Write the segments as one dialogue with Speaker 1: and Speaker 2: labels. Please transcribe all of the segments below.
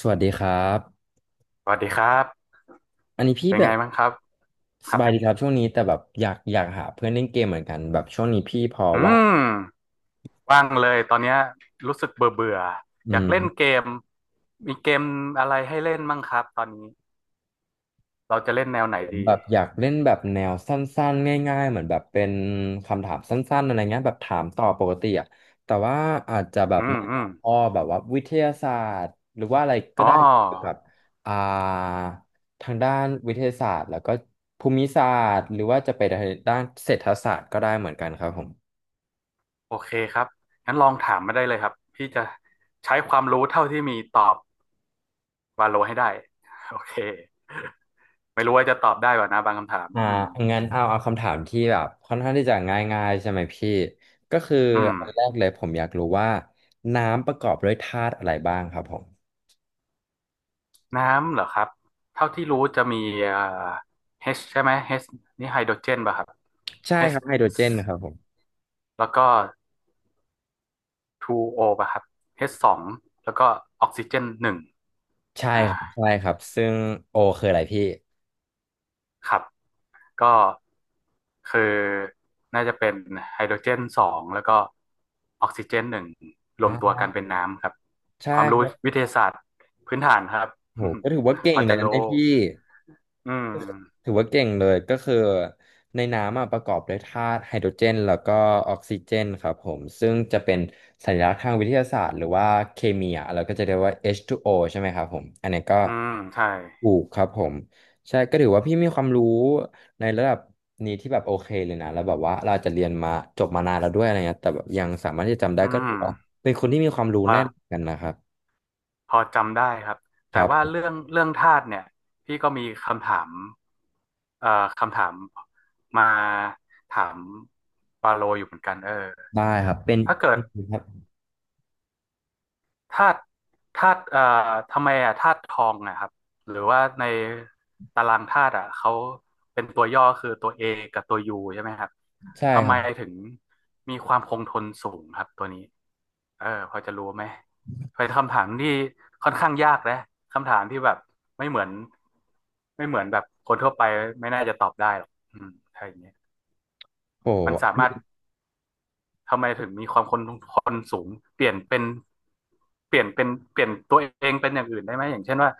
Speaker 1: สวัสดีครับ
Speaker 2: สวัสดีครับ
Speaker 1: อันนี้พี่
Speaker 2: เป็น
Speaker 1: แบ
Speaker 2: ไง
Speaker 1: บ
Speaker 2: บ้างครับค
Speaker 1: ส
Speaker 2: รับ
Speaker 1: บายดีครับช่วงนี้แต่แบบอยากหาเพื่อนเล่นเกมเหมือนกันแบบช่วงนี้พี่พอ
Speaker 2: อื
Speaker 1: ว่า
Speaker 2: มว่างเลยตอนเนี้ยรู้สึกเบื่อเบื่อ
Speaker 1: อื
Speaker 2: อยากเล่นเก
Speaker 1: ม
Speaker 2: มมีเกมอะไรให้เล่นบ้างครับตอนนี้เราจะเล่นแนวไหน
Speaker 1: ผม
Speaker 2: ดี
Speaker 1: แบบอยากเล่นแบบแนวสั้นๆง่ายๆเหมือนแบบเป็นคำถามสั้นๆอะไรเงี้ยแบบถามตอบปกติอ่ะแต่ว่าอาจจะแบบ
Speaker 2: อื
Speaker 1: ใน
Speaker 2: มอื
Speaker 1: หั
Speaker 2: ม
Speaker 1: วข้อแบบว่าวิทยาศาสตร์หรือว่าอะไรก็
Speaker 2: อ๋อ
Speaker 1: ได้เกี่ยวกับอ่าทางด้านวิทยาศาสตร์แล้วก็ภูมิศาสตร์หรือว่าจะไปทางด้านเศรษฐศาสตร์ก็ได้เหมือนกันครับผม
Speaker 2: โอเคครับงั้นลองถามมาได้เลยครับพี่จะใช้ความรู้เท่าที่มีตอบวาโลให้ได้โอเคไม่รู้ว่าจะตอบได้ป่ะนะบางคำถาม
Speaker 1: อ่า
Speaker 2: อืม
Speaker 1: งั้นเอาคำถามที่แบบค่อนข้างที่จะง่ายๆใช่ไหมพี่ ก็คือ
Speaker 2: อืม
Speaker 1: อันแรกเลยผมอยากรู้ว่าน้ำประกอบด้วยธาตุอะไรบ้างครับผม
Speaker 2: น้ำเหรอครับ เท่าที่รู้จะมีเอ่อ H ใช่ไหม H นี่ไฮโดรเจนป่ะครับ
Speaker 1: ใช่ค
Speaker 2: H
Speaker 1: รับไฮโดรเจนครับผม
Speaker 2: แล้วก็ 2O ป่ะครับ H สองแล้วก็ออกซิเจนหนึ่ง
Speaker 1: ใช่
Speaker 2: อ่า
Speaker 1: ครับใช่ครับซึ่งโอคืออะไรพี่
Speaker 2: ครับ ก็คือน่าจะเป็นไฮโดรเจนสองแล้วก็ออกซิเจนหนึ่งรวมตัว
Speaker 1: อ่า
Speaker 2: กันเป็นน้ำครับ
Speaker 1: ใช่
Speaker 2: ความ
Speaker 1: ค
Speaker 2: รู้
Speaker 1: รับ
Speaker 2: วิทยาศาสตร์พื้นฐานครับ
Speaker 1: โหก็ถือว่าเก่
Speaker 2: พ
Speaker 1: ง
Speaker 2: อ
Speaker 1: เล
Speaker 2: จะ
Speaker 1: ยนะ
Speaker 2: รู้
Speaker 1: เนี่ยพี่
Speaker 2: อืม
Speaker 1: ถือว่าเก่งเลยก็คือในน้ำอะประกอบด้วยธาตุไฮโดรเจนแล้วก็ออกซิเจนครับผมซึ่งจะเป็นสัญลักษณ์ทางวิทยาศาสตร์หรือว่าเคมีอะเราก็จะเรียกว่า H2O ใช่ไหมครับผมอันนี้ก็
Speaker 2: อืมใช่
Speaker 1: ถูกครับผมใช่ก็ถือว่าพี่มีความรู้ในระดับนี้ที่แบบโอเคเลยนะแล้วแบบว่าเราอาจจะเรียนมาจบมานานแล้วด้วยอะไรเงี้ยแต่แบบยังสามารถที่จะจำได้
Speaker 2: อื
Speaker 1: ก็ถือ
Speaker 2: ม
Speaker 1: ว่าเป็นคนที่มีความรู้แน่น
Speaker 2: อ่า
Speaker 1: กันนะครับ
Speaker 2: พอจำได้ครับ
Speaker 1: ค
Speaker 2: แต่
Speaker 1: รับ
Speaker 2: ว่า
Speaker 1: ผ
Speaker 2: เรื่
Speaker 1: ม
Speaker 2: องเรื่องธาตุเนี่ยพี่ก็มีคำถามเอ่อคำถามมาถามปาโลอยู่เหมือนกันเออ
Speaker 1: ได้ครับเป็น
Speaker 2: ถ้าเกิ
Speaker 1: เป็
Speaker 2: ด
Speaker 1: นครับ
Speaker 2: ธาตุธาตุทำไมอ่ะธาตุทองนะครับหรือว่าในตารางธาตุอ่ะเขาเป็นตัวย่อคือตัว A กับตัว U ใช่ไหมครับ
Speaker 1: ใช่
Speaker 2: ทำ
Speaker 1: ครั
Speaker 2: ไม
Speaker 1: บ
Speaker 2: ถึงมีความคงทนสูงครับตัวนี้เออพอจะรู้ไหมเป็นคำถามที่ค่อนข้างยากนะคำถามที่แบบไม่เหมือนไม่เหมือนแบบคนทั่วไปไม่น่าจะตอบได้หรอกอืมถ้าอย่างเงี้ย
Speaker 1: โ
Speaker 2: มันสามารถ
Speaker 1: อ
Speaker 2: ทำไมถึงมีความคนสูงเปลี่ยนเป็นเปลี่ยนเป็นเปลี่ยนตัวเองเป็นอย่างอื่นได้ไหมอย่างเช่นว่า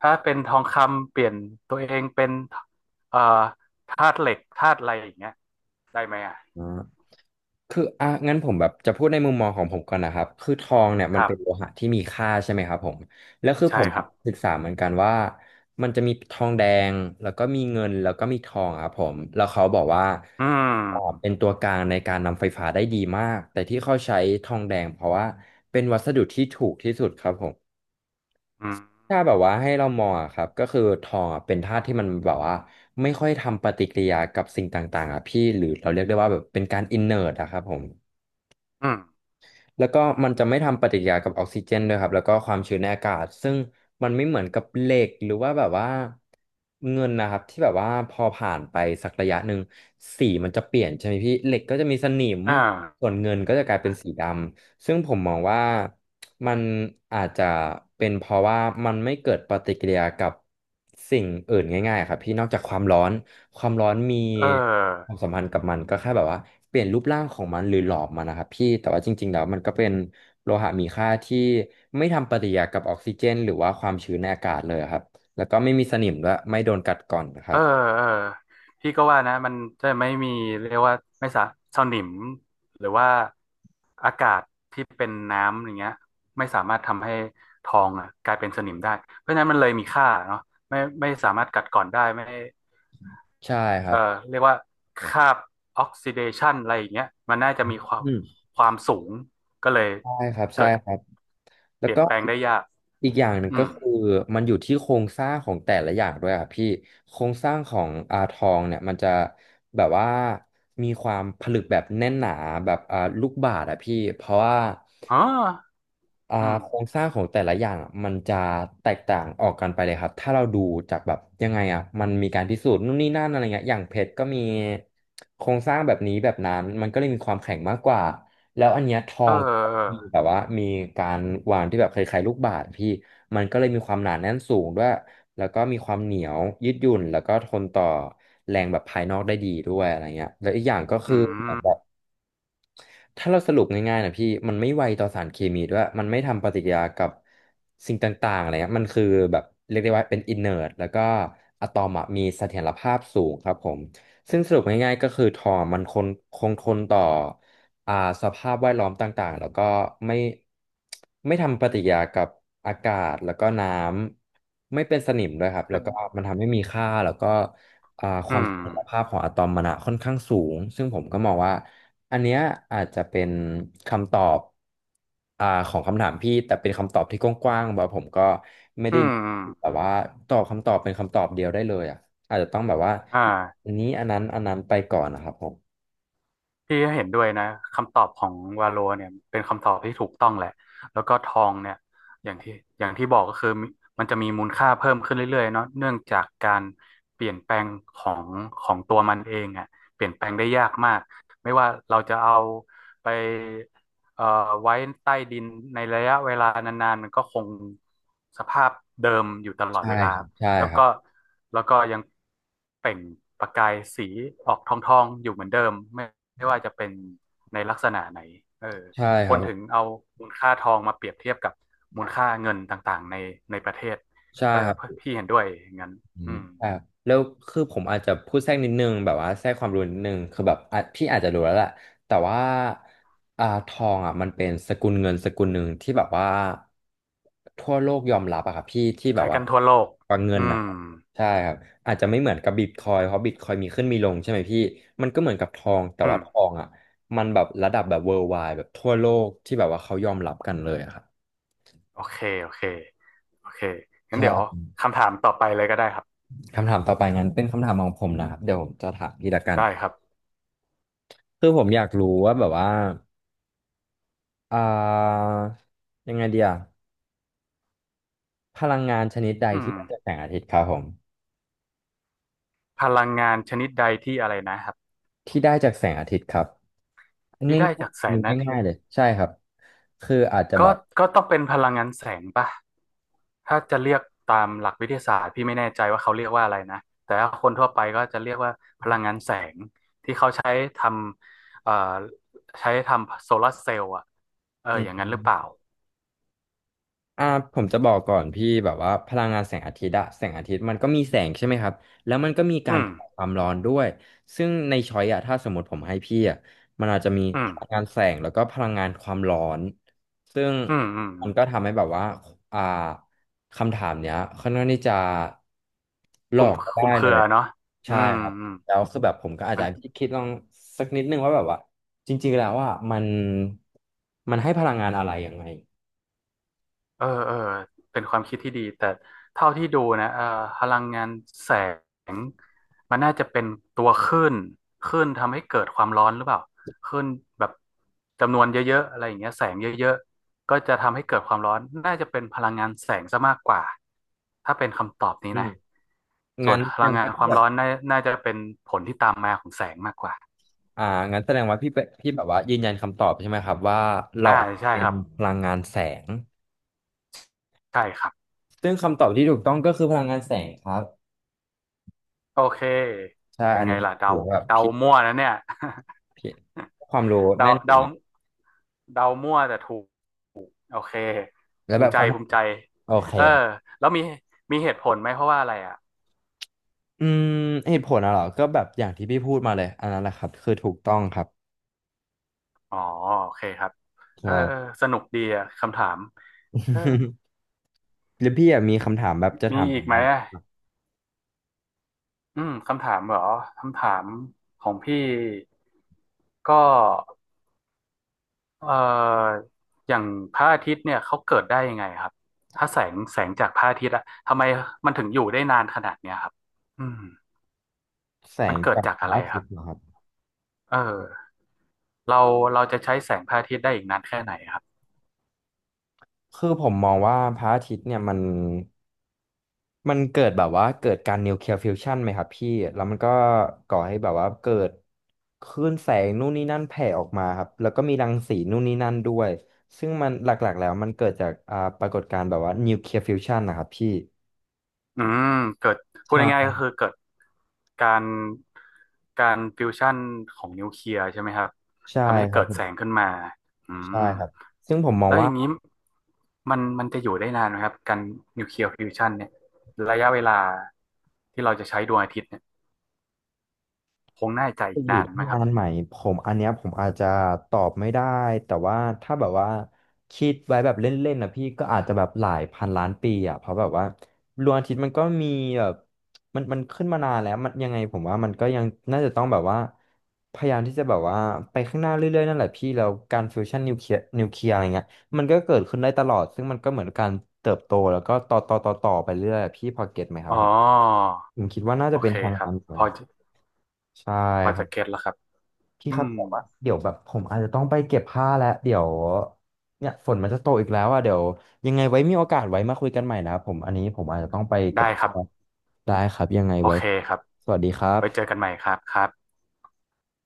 Speaker 2: ถ้าเป็นทองคำเปลี่ยนตัวเองเป็นเอ่อธาตุเหล็กธาตุอะไรอย่างเงี้ยได้ไหมอ่ะ
Speaker 1: ้ คืออ่ะงั้นผมแบบจะพูดในมุมมองของผมก่อนนะครับคือทองเนี่ย
Speaker 2: ค
Speaker 1: มัน
Speaker 2: รั
Speaker 1: เป็นโล
Speaker 2: บ
Speaker 1: หะที่มีค่าใช่ไหมครับผมแล้วคือ
Speaker 2: ใช่
Speaker 1: ผม
Speaker 2: ครับ
Speaker 1: ศึกษาเหมือนกันว่ามันจะมีทองแดงแล้วก็มีเงินแล้วก็มีทองครับผมแล้วเขาบอกว่า
Speaker 2: อื
Speaker 1: อ๋อ
Speaker 2: ม
Speaker 1: เป็นตัวกลางในการนำไฟฟ้าได้ดีมากแต่ที่เขาใช้ทองแดงเพราะว่าเป็นวัสดุที่ถูกที่สุดครับผม
Speaker 2: อืม
Speaker 1: ถ้าแบบว่าให้เรามองอะครับก็คือทองอะเป็นธาตุที่มันแบบว่าไม่ค่อยทำปฏิกิริยากับสิ่งต่างๆอ่ะพี่หรือเราเรียกได้ว่าแบบเป็นการอินเน t อะครับผม
Speaker 2: อืม
Speaker 1: แล้วก็มันจะไม่ทำปฏิกิริยากับออกซิเจนด้วยครับแล้วก็ความชื้นในอากาศซึ่งมันไม่เหมือนกับเหล็กหรือว่าแบบว่าเงินนะครับที่แบบว่าพอผ่านไปสักระยะหนึ่งสีมันจะเปลี่ยนใช่ไหมพี่เหล็กก็จะมีสนิม
Speaker 2: อ่า
Speaker 1: ส่วนเงินก็จะกลายเป็นสีดำซึ่งผมมองว่ามันอาจจะเป็นเพราะว่ามันไม่เกิดปฏิกิริยากับสิ่งอื่นง่ายๆครับพี่นอกจากความร้อน ความร้อนมี
Speaker 2: เออ
Speaker 1: ความสัมพันธ์กับมันก็แค่แบบว่าเปลี่ยนรูปร่างของมันหรือหลอมมันนะครับพี่แต่ว่าจริงๆแล้วมันก็เป็นโลหะมีค่าที่ไม่ทำปฏิกิริยากับออกซิเจนหรือว่าความชื้นในอากาศเลยครับแล้วก็ไม่มีสนิมด้วยไม่โดนกัดก่อนนะค
Speaker 2: เอ
Speaker 1: รั
Speaker 2: อ
Speaker 1: บ
Speaker 2: เออพี่ก็ว่านะมันจะไม่มีเรียกว่าไม่สะสนิมหรือว่าอากาศที่เป็นน้ำอย่างเงี้ยไม่สามารถทำให้ทองอ่ะกลายเป็นสนิมได้เพราะฉะนั้นมันเลยมีค่าเนาะไม่ไม่สามารถกัดกร่อนได้ไม่
Speaker 1: ใช่ค
Speaker 2: เอ
Speaker 1: รั
Speaker 2: อ
Speaker 1: บ
Speaker 2: เรียกว่าคราบออกซิเดชันอะไรอย่างเงี้ยมันน่าจะมีความ
Speaker 1: อืม
Speaker 2: ความสูงก็เลย
Speaker 1: ใช่ครับใช่
Speaker 2: เกิด
Speaker 1: ครับ แล้
Speaker 2: เป
Speaker 1: ว
Speaker 2: ลี่ย
Speaker 1: ก็
Speaker 2: นแปลง
Speaker 1: อีก
Speaker 2: ได้ยาก
Speaker 1: อีกอย่างหนึ่ง
Speaker 2: อื
Speaker 1: ก็
Speaker 2: ม
Speaker 1: คือมันอยู่ที่โครงสร้างของแต่ละอย่างด้วยอัะพี่โครงสร้างของอาทองเนี่ยมันจะแบบว่ามีความผลึกแบบแน่นหนาแบบลูกบาศก์อะพี่เพราะว่า
Speaker 2: อ๋ออืม
Speaker 1: โครงสร้างของแต่ละอย่างอะมันจะแตกต่างออกกันไปเลยครับถ้าเราดูจากแบบยังไงอ่ะมันมีการพิสูจน์นู่นนี่นั่นอะไรเงี้ยอย่างเพชรก็มีโครงสร้างแบบนี้แบบนั้นมันก็เลยมีความแข็งมากกว่าแล้วอันเนี้ยทอ
Speaker 2: เออ
Speaker 1: ง
Speaker 2: เอ
Speaker 1: มี
Speaker 2: อ
Speaker 1: แบบว่ามีการวางที่แบบคล้ายๆลูกบาศก์พี่มันก็เลยมีความหนาแน่นสูงด้วยแล้วก็มีความเหนียวยืดหยุ่นแล้วก็ทนต่อแรงแบบภายนอกได้ดีด้วยอะไรเงี้ยแล้วอีกอย่างก็คื
Speaker 2: อื
Speaker 1: อ
Speaker 2: ม
Speaker 1: ถ้าเราสรุปง่ายๆนะพี่มันไม่ไวต่อสารเคมีด้วยมันไม่ทำปฏิกิริยากับสิ่งต่างๆอะไรเงี้ยมันคือแบบเรียกได้ว่าเป็นอินเนอร์แล้วก็อะตอมอะมีเสถียรภาพสูงครับผมซึ่งสรุปง่ายๆก็คือทอมมันคงทนต่ออ่าสภาพแวดล้อมต่างๆแล้วก็ไม่ไม่ทำปฏิกิริยากับอากาศแล้วก็น้ำไม่เป็นสนิมด้วยครับแล้วก็มันทำให้มีค่าแล้วก็ค
Speaker 2: อื
Speaker 1: วามเส
Speaker 2: ม
Speaker 1: ถียรภาพของอะตอมมันอะค่อนข้างสูงซึ่งผมก็มองว่า อันเนี้ยอาจจะเป็นคำตอบของคำถามพี่แต่เป็นคำตอบที่กว้างๆแบบผมก็ไม่
Speaker 2: อื
Speaker 1: ได้
Speaker 2: มอ
Speaker 1: แบบว่าตอบคำตอบเป็นคำตอบเดียวได้เลยอ่ะอาจจะต้องแบบว่า
Speaker 2: ่า
Speaker 1: อันนี้อันนั้นอันนั้นไปก่อนนะครับผม
Speaker 2: พี่เห็นด้วยนะคำตอบของวาโลเนี่ยเป็นคำตอบที่ถูกต้องแหละแล้วก็ทองเนี่ยอย่างที่อย่างที่บอกก็คือมมันจะมีมูลค่าเพิ่มขึ้นเรื่อยๆเนาะเนื่องจากการเปลี่ยนแปลงของของตัวมันเองอ่ะเปลี่ยนแปลงได้ยากมากไม่ว่าเราจะเอาไปเอ่อไว้ใต้ดินในระยะเวลานานๆมันก็คงสภาพเดิมอยู่ตลอด
Speaker 1: ใช่
Speaker 2: เวลา
Speaker 1: ครับใช่
Speaker 2: แล้ว
Speaker 1: ครั
Speaker 2: ก็
Speaker 1: บ
Speaker 2: แล้วก็ยังเปล่งประกายสีออกทองๆอยู่เหมือนเดิมไม่ ไม่ว่าจะเป็นในลักษณะไหนเออ
Speaker 1: ใช่
Speaker 2: ค
Speaker 1: ครั
Speaker 2: นถึง
Speaker 1: บ
Speaker 2: เอามูลค่าทองมาเปรียบเทียบกับมูลค่าเงินต่างๆในประเทศ
Speaker 1: ใช่
Speaker 2: เออ
Speaker 1: ครับ
Speaker 2: พี่เห็นด้วยอย่างนั้น
Speaker 1: อื
Speaker 2: อื
Speaker 1: ม
Speaker 2: ม
Speaker 1: แต่แล้วคือผมอาจจะพูดแทรกนิดนึงแบบว่าแทรกความรู้นิดนึงคือแบบอ่ะพี่อาจจะรู้แล้วแหละแต่ว่าทองอ่ะมันเป็นสกุลเงินสกุลหนึ่งที่แบบว่าทั่วโลกยอมรับอะครับพี่ที่แบบ
Speaker 2: ใช้
Speaker 1: ว่า
Speaker 2: กันทั่วโลก
Speaker 1: ว่าเงิ
Speaker 2: อื
Speaker 1: นนะ
Speaker 2: ม
Speaker 1: ครับใช่ครับอาจจะไม่เหมือนกับบิตคอยเพราะบิตคอยมีขึ้นมีลงใช่ไหมพี่มันก็เหมือนกับทองแต่
Speaker 2: อื
Speaker 1: ว่า
Speaker 2: ม
Speaker 1: ทองอ่ะมันแบบระดับแบบ worldwide แบบทั่วโลกที่แบบว่าเขายอมรับกันเลยอะครับ
Speaker 2: โอเคโอเคโอเคงั้นเดี๋ยว
Speaker 1: ใช่
Speaker 2: คำถามต่อไปเลยก็ได้ครับ
Speaker 1: คำถามต่อไปงั้นเป็นคำถามของผมนะครับเดี๋ยวผมจะถามพี่ละกัน
Speaker 2: ได้ครับ
Speaker 1: คือผมอยากรู้ว่าแบบว่าอ่ายังไงเดียพลังงานชนิดใด
Speaker 2: อืม
Speaker 1: ที่ได้จากแสงอาทิตย์ครับผม
Speaker 2: พลังงานชนิดใดที่อะไรนะครับ
Speaker 1: ที่ได้จากแสงอาทิตย์ครับง่ายๆอัน
Speaker 2: ที่ได้จากแส
Speaker 1: นี้
Speaker 2: งอาทิ
Speaker 1: ง่า
Speaker 2: ต
Speaker 1: ยๆ
Speaker 2: ย์
Speaker 1: เลยใช่ครับคืออาจจะแบ
Speaker 2: ก็
Speaker 1: บ
Speaker 2: ก็ต้องเป็นพลังงานแสงป่ะถ้าจะเรียกตามหลักวิทยาศาสตร์พี่ไม่แน่ใจว่าเขาเรียกว่าอะไรนะ แต่ว่าคนทั่วไปก็จะเรียกว่าพลังงานแสงที่เขาใช้ทำใช้ทำโซลาร์เซลล์อ่ะเออ
Speaker 1: อื
Speaker 2: อ
Speaker 1: ม
Speaker 2: ย่างนั้นหรือเปล่า
Speaker 1: อ่าผมจะบอกก่อนพี่แบบว่าพลังงานแสงอาทิตย์อะแสงอาทิตย์มันก็มีแสงใช่ไหมครับแล้วมันก็มี
Speaker 2: อื
Speaker 1: การ
Speaker 2: ม
Speaker 1: เผาความร้อนด้วยซึ่งในช้อยอะถ้าสมมติผมให้พี่อะมันอาจจะมี
Speaker 2: อื
Speaker 1: พ
Speaker 2: ม
Speaker 1: ลังงานแสงแล้วก็พลังงานความร้อนซึ่ง
Speaker 2: อืมอืมอื
Speaker 1: มัน
Speaker 2: ม
Speaker 1: ก็ทำให้แบบว่าอ่าคำถามเนี้ยค่อนข้างที่จะหล
Speaker 2: ค
Speaker 1: อ
Speaker 2: ลุม
Speaker 1: ก
Speaker 2: ค
Speaker 1: ได้
Speaker 2: ลุมเค
Speaker 1: เล
Speaker 2: รื
Speaker 1: ย
Speaker 2: อ
Speaker 1: อะ
Speaker 2: เนาะอื
Speaker 1: ใช่
Speaker 2: ม
Speaker 1: ครับ
Speaker 2: อืม
Speaker 1: แล้วคือแบบผมก็อาจ
Speaker 2: มั
Speaker 1: จะ
Speaker 2: น
Speaker 1: คิดลองสักนิดนึงว่าแบบว่าจริงๆแล้วว่ะมันมันให้พลังงานอะไรยังไง
Speaker 2: เออเออเป็นความคิดที่ดีแต่เท่าที่ดูนะเออพลังงานแสงมันน่าจะเป็นตัวคลื่นคลื่นทำให้เกิดความร้อนหรือเปล่าคลื่นแบบจำนวนเยอะๆอะไรอย่างเงี้ยแสงเยอะๆก็จะทำให้เกิดความร้อนน่าจะเป็นพลังงานแสงซะมากกว่าถ้าเป็นคำตอบนี้นะส่ว
Speaker 1: งั้
Speaker 2: น
Speaker 1: น
Speaker 2: พ
Speaker 1: แสด
Speaker 2: ลัง
Speaker 1: ง
Speaker 2: งาน
Speaker 1: ว่า
Speaker 2: ค
Speaker 1: พี่
Speaker 2: วาม
Speaker 1: แบบ
Speaker 2: ร้อนน่าจะเป็นผลที่ตามมาของแสงมากกว่า
Speaker 1: อ่างั้นแสดงว่าพี่เป็นพี่แบบว่ายืนยันคำตอบใช่ไหมครับว่าเรา
Speaker 2: อ่าใช่
Speaker 1: เป็
Speaker 2: ค
Speaker 1: น
Speaker 2: รับ
Speaker 1: พลังงานแสง
Speaker 2: ใช่ครับ
Speaker 1: ซึ่งคำตอบที่ถูกต้องก็คือพลังงานแสงครับ
Speaker 2: โอเค
Speaker 1: ใช่
Speaker 2: เป็น
Speaker 1: อัน
Speaker 2: ไง
Speaker 1: นี้
Speaker 2: ล่ะเดา
Speaker 1: ถือว่าแบบ
Speaker 2: เดา
Speaker 1: พี่
Speaker 2: มั่วนะเนี่ย
Speaker 1: พี่ความรู้ แน่นอยู่
Speaker 2: เดา
Speaker 1: นะ
Speaker 2: เดามั่วแต่ถูกโอเค
Speaker 1: แล้ว
Speaker 2: ภู
Speaker 1: แบ
Speaker 2: มิ
Speaker 1: บ
Speaker 2: ใจ
Speaker 1: คำถา
Speaker 2: ภู
Speaker 1: ม
Speaker 2: มิใจ
Speaker 1: โอเค
Speaker 2: เออ
Speaker 1: ครับ
Speaker 2: แล้วมีมีเหตุผลไหมเพราะว่าอะไรอ่ะ
Speaker 1: อืมเหตุผลอะเหรอก็แบบอย่างที่พี่พูดมาเลยอันนั้นแหละครับคือถูกต้องครับ
Speaker 2: อ๋อโอเคครับเอ
Speaker 1: ใช่
Speaker 2: อเออสนุกดีอ่ะคำถามเออ
Speaker 1: แล้วพี่อะมีคำถามแบบจะ
Speaker 2: มี
Speaker 1: ถามผ
Speaker 2: อีก
Speaker 1: ม
Speaker 2: ไหม
Speaker 1: ว่า
Speaker 2: อ่ะอืมคำถามเหรอคำถามของพี่ก็ เอ่ออย่างพระอาทิตย์เนี่ยเขาเกิดได้ยังไงครับถ้าแสงจากพระอาทิตย์อะทำไมมันถึงอยู่ได้นานขนาดเนี้ยครับอืม
Speaker 1: แส
Speaker 2: มัน
Speaker 1: ง
Speaker 2: เกิด
Speaker 1: จาก
Speaker 2: จาก
Speaker 1: พ
Speaker 2: อะ
Speaker 1: ระ
Speaker 2: ไร
Speaker 1: อา
Speaker 2: ค
Speaker 1: ทิ
Speaker 2: รั
Speaker 1: ต
Speaker 2: บ
Speaker 1: ย์เหรอครับ
Speaker 2: เออเราเราจะใช้แสงพระอาทิตย์ได้อีกนานแค่ไหนครับ
Speaker 1: คือผมมองว่าพระอาทิตย์เนี่ยมันมันเกิดแบบว่าเกิดการนิวเคลียร์ฟิวชันไหมครับพี่แล้วมันก็ก่อให้แบบว่าเกิดคลื่นแสงนู่นนี่นั่นแผ่ออกมาครับแล้วก็มีรังสีนู่นนี่นั่นด้วยซึ่งมันหลักๆแล้วมันเกิดจากปรากฏการณ์แบบว่านิวเคลียร์ฟิวชันนะครับพี่
Speaker 2: อืมเกิดพูดง่ายๆก็
Speaker 1: ใช่
Speaker 2: คือเกิดการการฟิวชั่นของนิวเคลียร์ใช่ไหมครับ
Speaker 1: ใช่
Speaker 2: ทำให้
Speaker 1: ครั
Speaker 2: เกิ
Speaker 1: บ
Speaker 2: ด
Speaker 1: ผ
Speaker 2: แสง
Speaker 1: ม
Speaker 2: ขึ้นมาอื
Speaker 1: ใช่
Speaker 2: ม
Speaker 1: ครับซึ่งผมมอง
Speaker 2: แล้วอ
Speaker 1: ว่า
Speaker 2: ย่างนี้มันจะอยู่ได้นานไหมครับการนิวเคลียร์ฟิวชันเนี่ยระยะเวลาที่เราจะใช้ดวงอาทิตย์เนี่ยคงน่าจะ
Speaker 1: จะ
Speaker 2: อีก
Speaker 1: อยู่
Speaker 2: นานไห
Speaker 1: ที่
Speaker 2: มค
Speaker 1: งา
Speaker 2: รับ
Speaker 1: นใหม่ผมอันเนี้ยผมอาจจะตอบไม่ได้แต่ว่าถ้าแบบว่าคิดไว้แบบเล่นๆนะพี่ก็อาจจะแบบหลายพันล้านปีอ่ะเพราะแบบว่าดวงอาทิตย์มันก็มีแบบมันมันขึ้นมานานแล้วมันยังไงผมว่ามันก็ยังน่าจะต้องแบบว่าพยายามที่จะแบบว่าไปข้างหน้าเรื่อยๆนั่นแหละพี่แล้วการฟิวชั่นนิวเคลียร์อะไรเงี้ยมันก็เกิดขึ้นได้ตลอดซึ่งมันก็เหมือนการเติบโตแล้วก็ต่อไปเรื่อยอะพี่พอเก็ตไหมครั
Speaker 2: อ๋อ
Speaker 1: บผมผมคิดว่าน่า
Speaker 2: โอ
Speaker 1: จะเป็น
Speaker 2: เค
Speaker 1: ทาง
Speaker 2: ครับ
Speaker 1: นั้นก่อ
Speaker 2: พ
Speaker 1: น
Speaker 2: อจะ
Speaker 1: ใช่
Speaker 2: พอ
Speaker 1: ครั
Speaker 2: จะ
Speaker 1: บ
Speaker 2: เก็ตแล้วครับ
Speaker 1: พี่
Speaker 2: อื
Speaker 1: ครับ
Speaker 2: ม
Speaker 1: แต่ว่าเดี๋ยวแบบผมอาจจะต้องไปเก็บผ้าแล้วเดี๋ยวเนี่ยฝนมันจะตกอีกแล้วอ่ะเดี๋ยวยังไงไว้มีโอกาสไว้มาคุยกันใหม่นะครับผมอันนี้ผมอาจจะต้องไปเก็บ
Speaker 2: ได้ครั
Speaker 1: ผ้า
Speaker 2: บ
Speaker 1: แล้วได้ครับยังไง
Speaker 2: โอ
Speaker 1: ไว้
Speaker 2: เคครับไว้เจอกันใหม่ครับครับ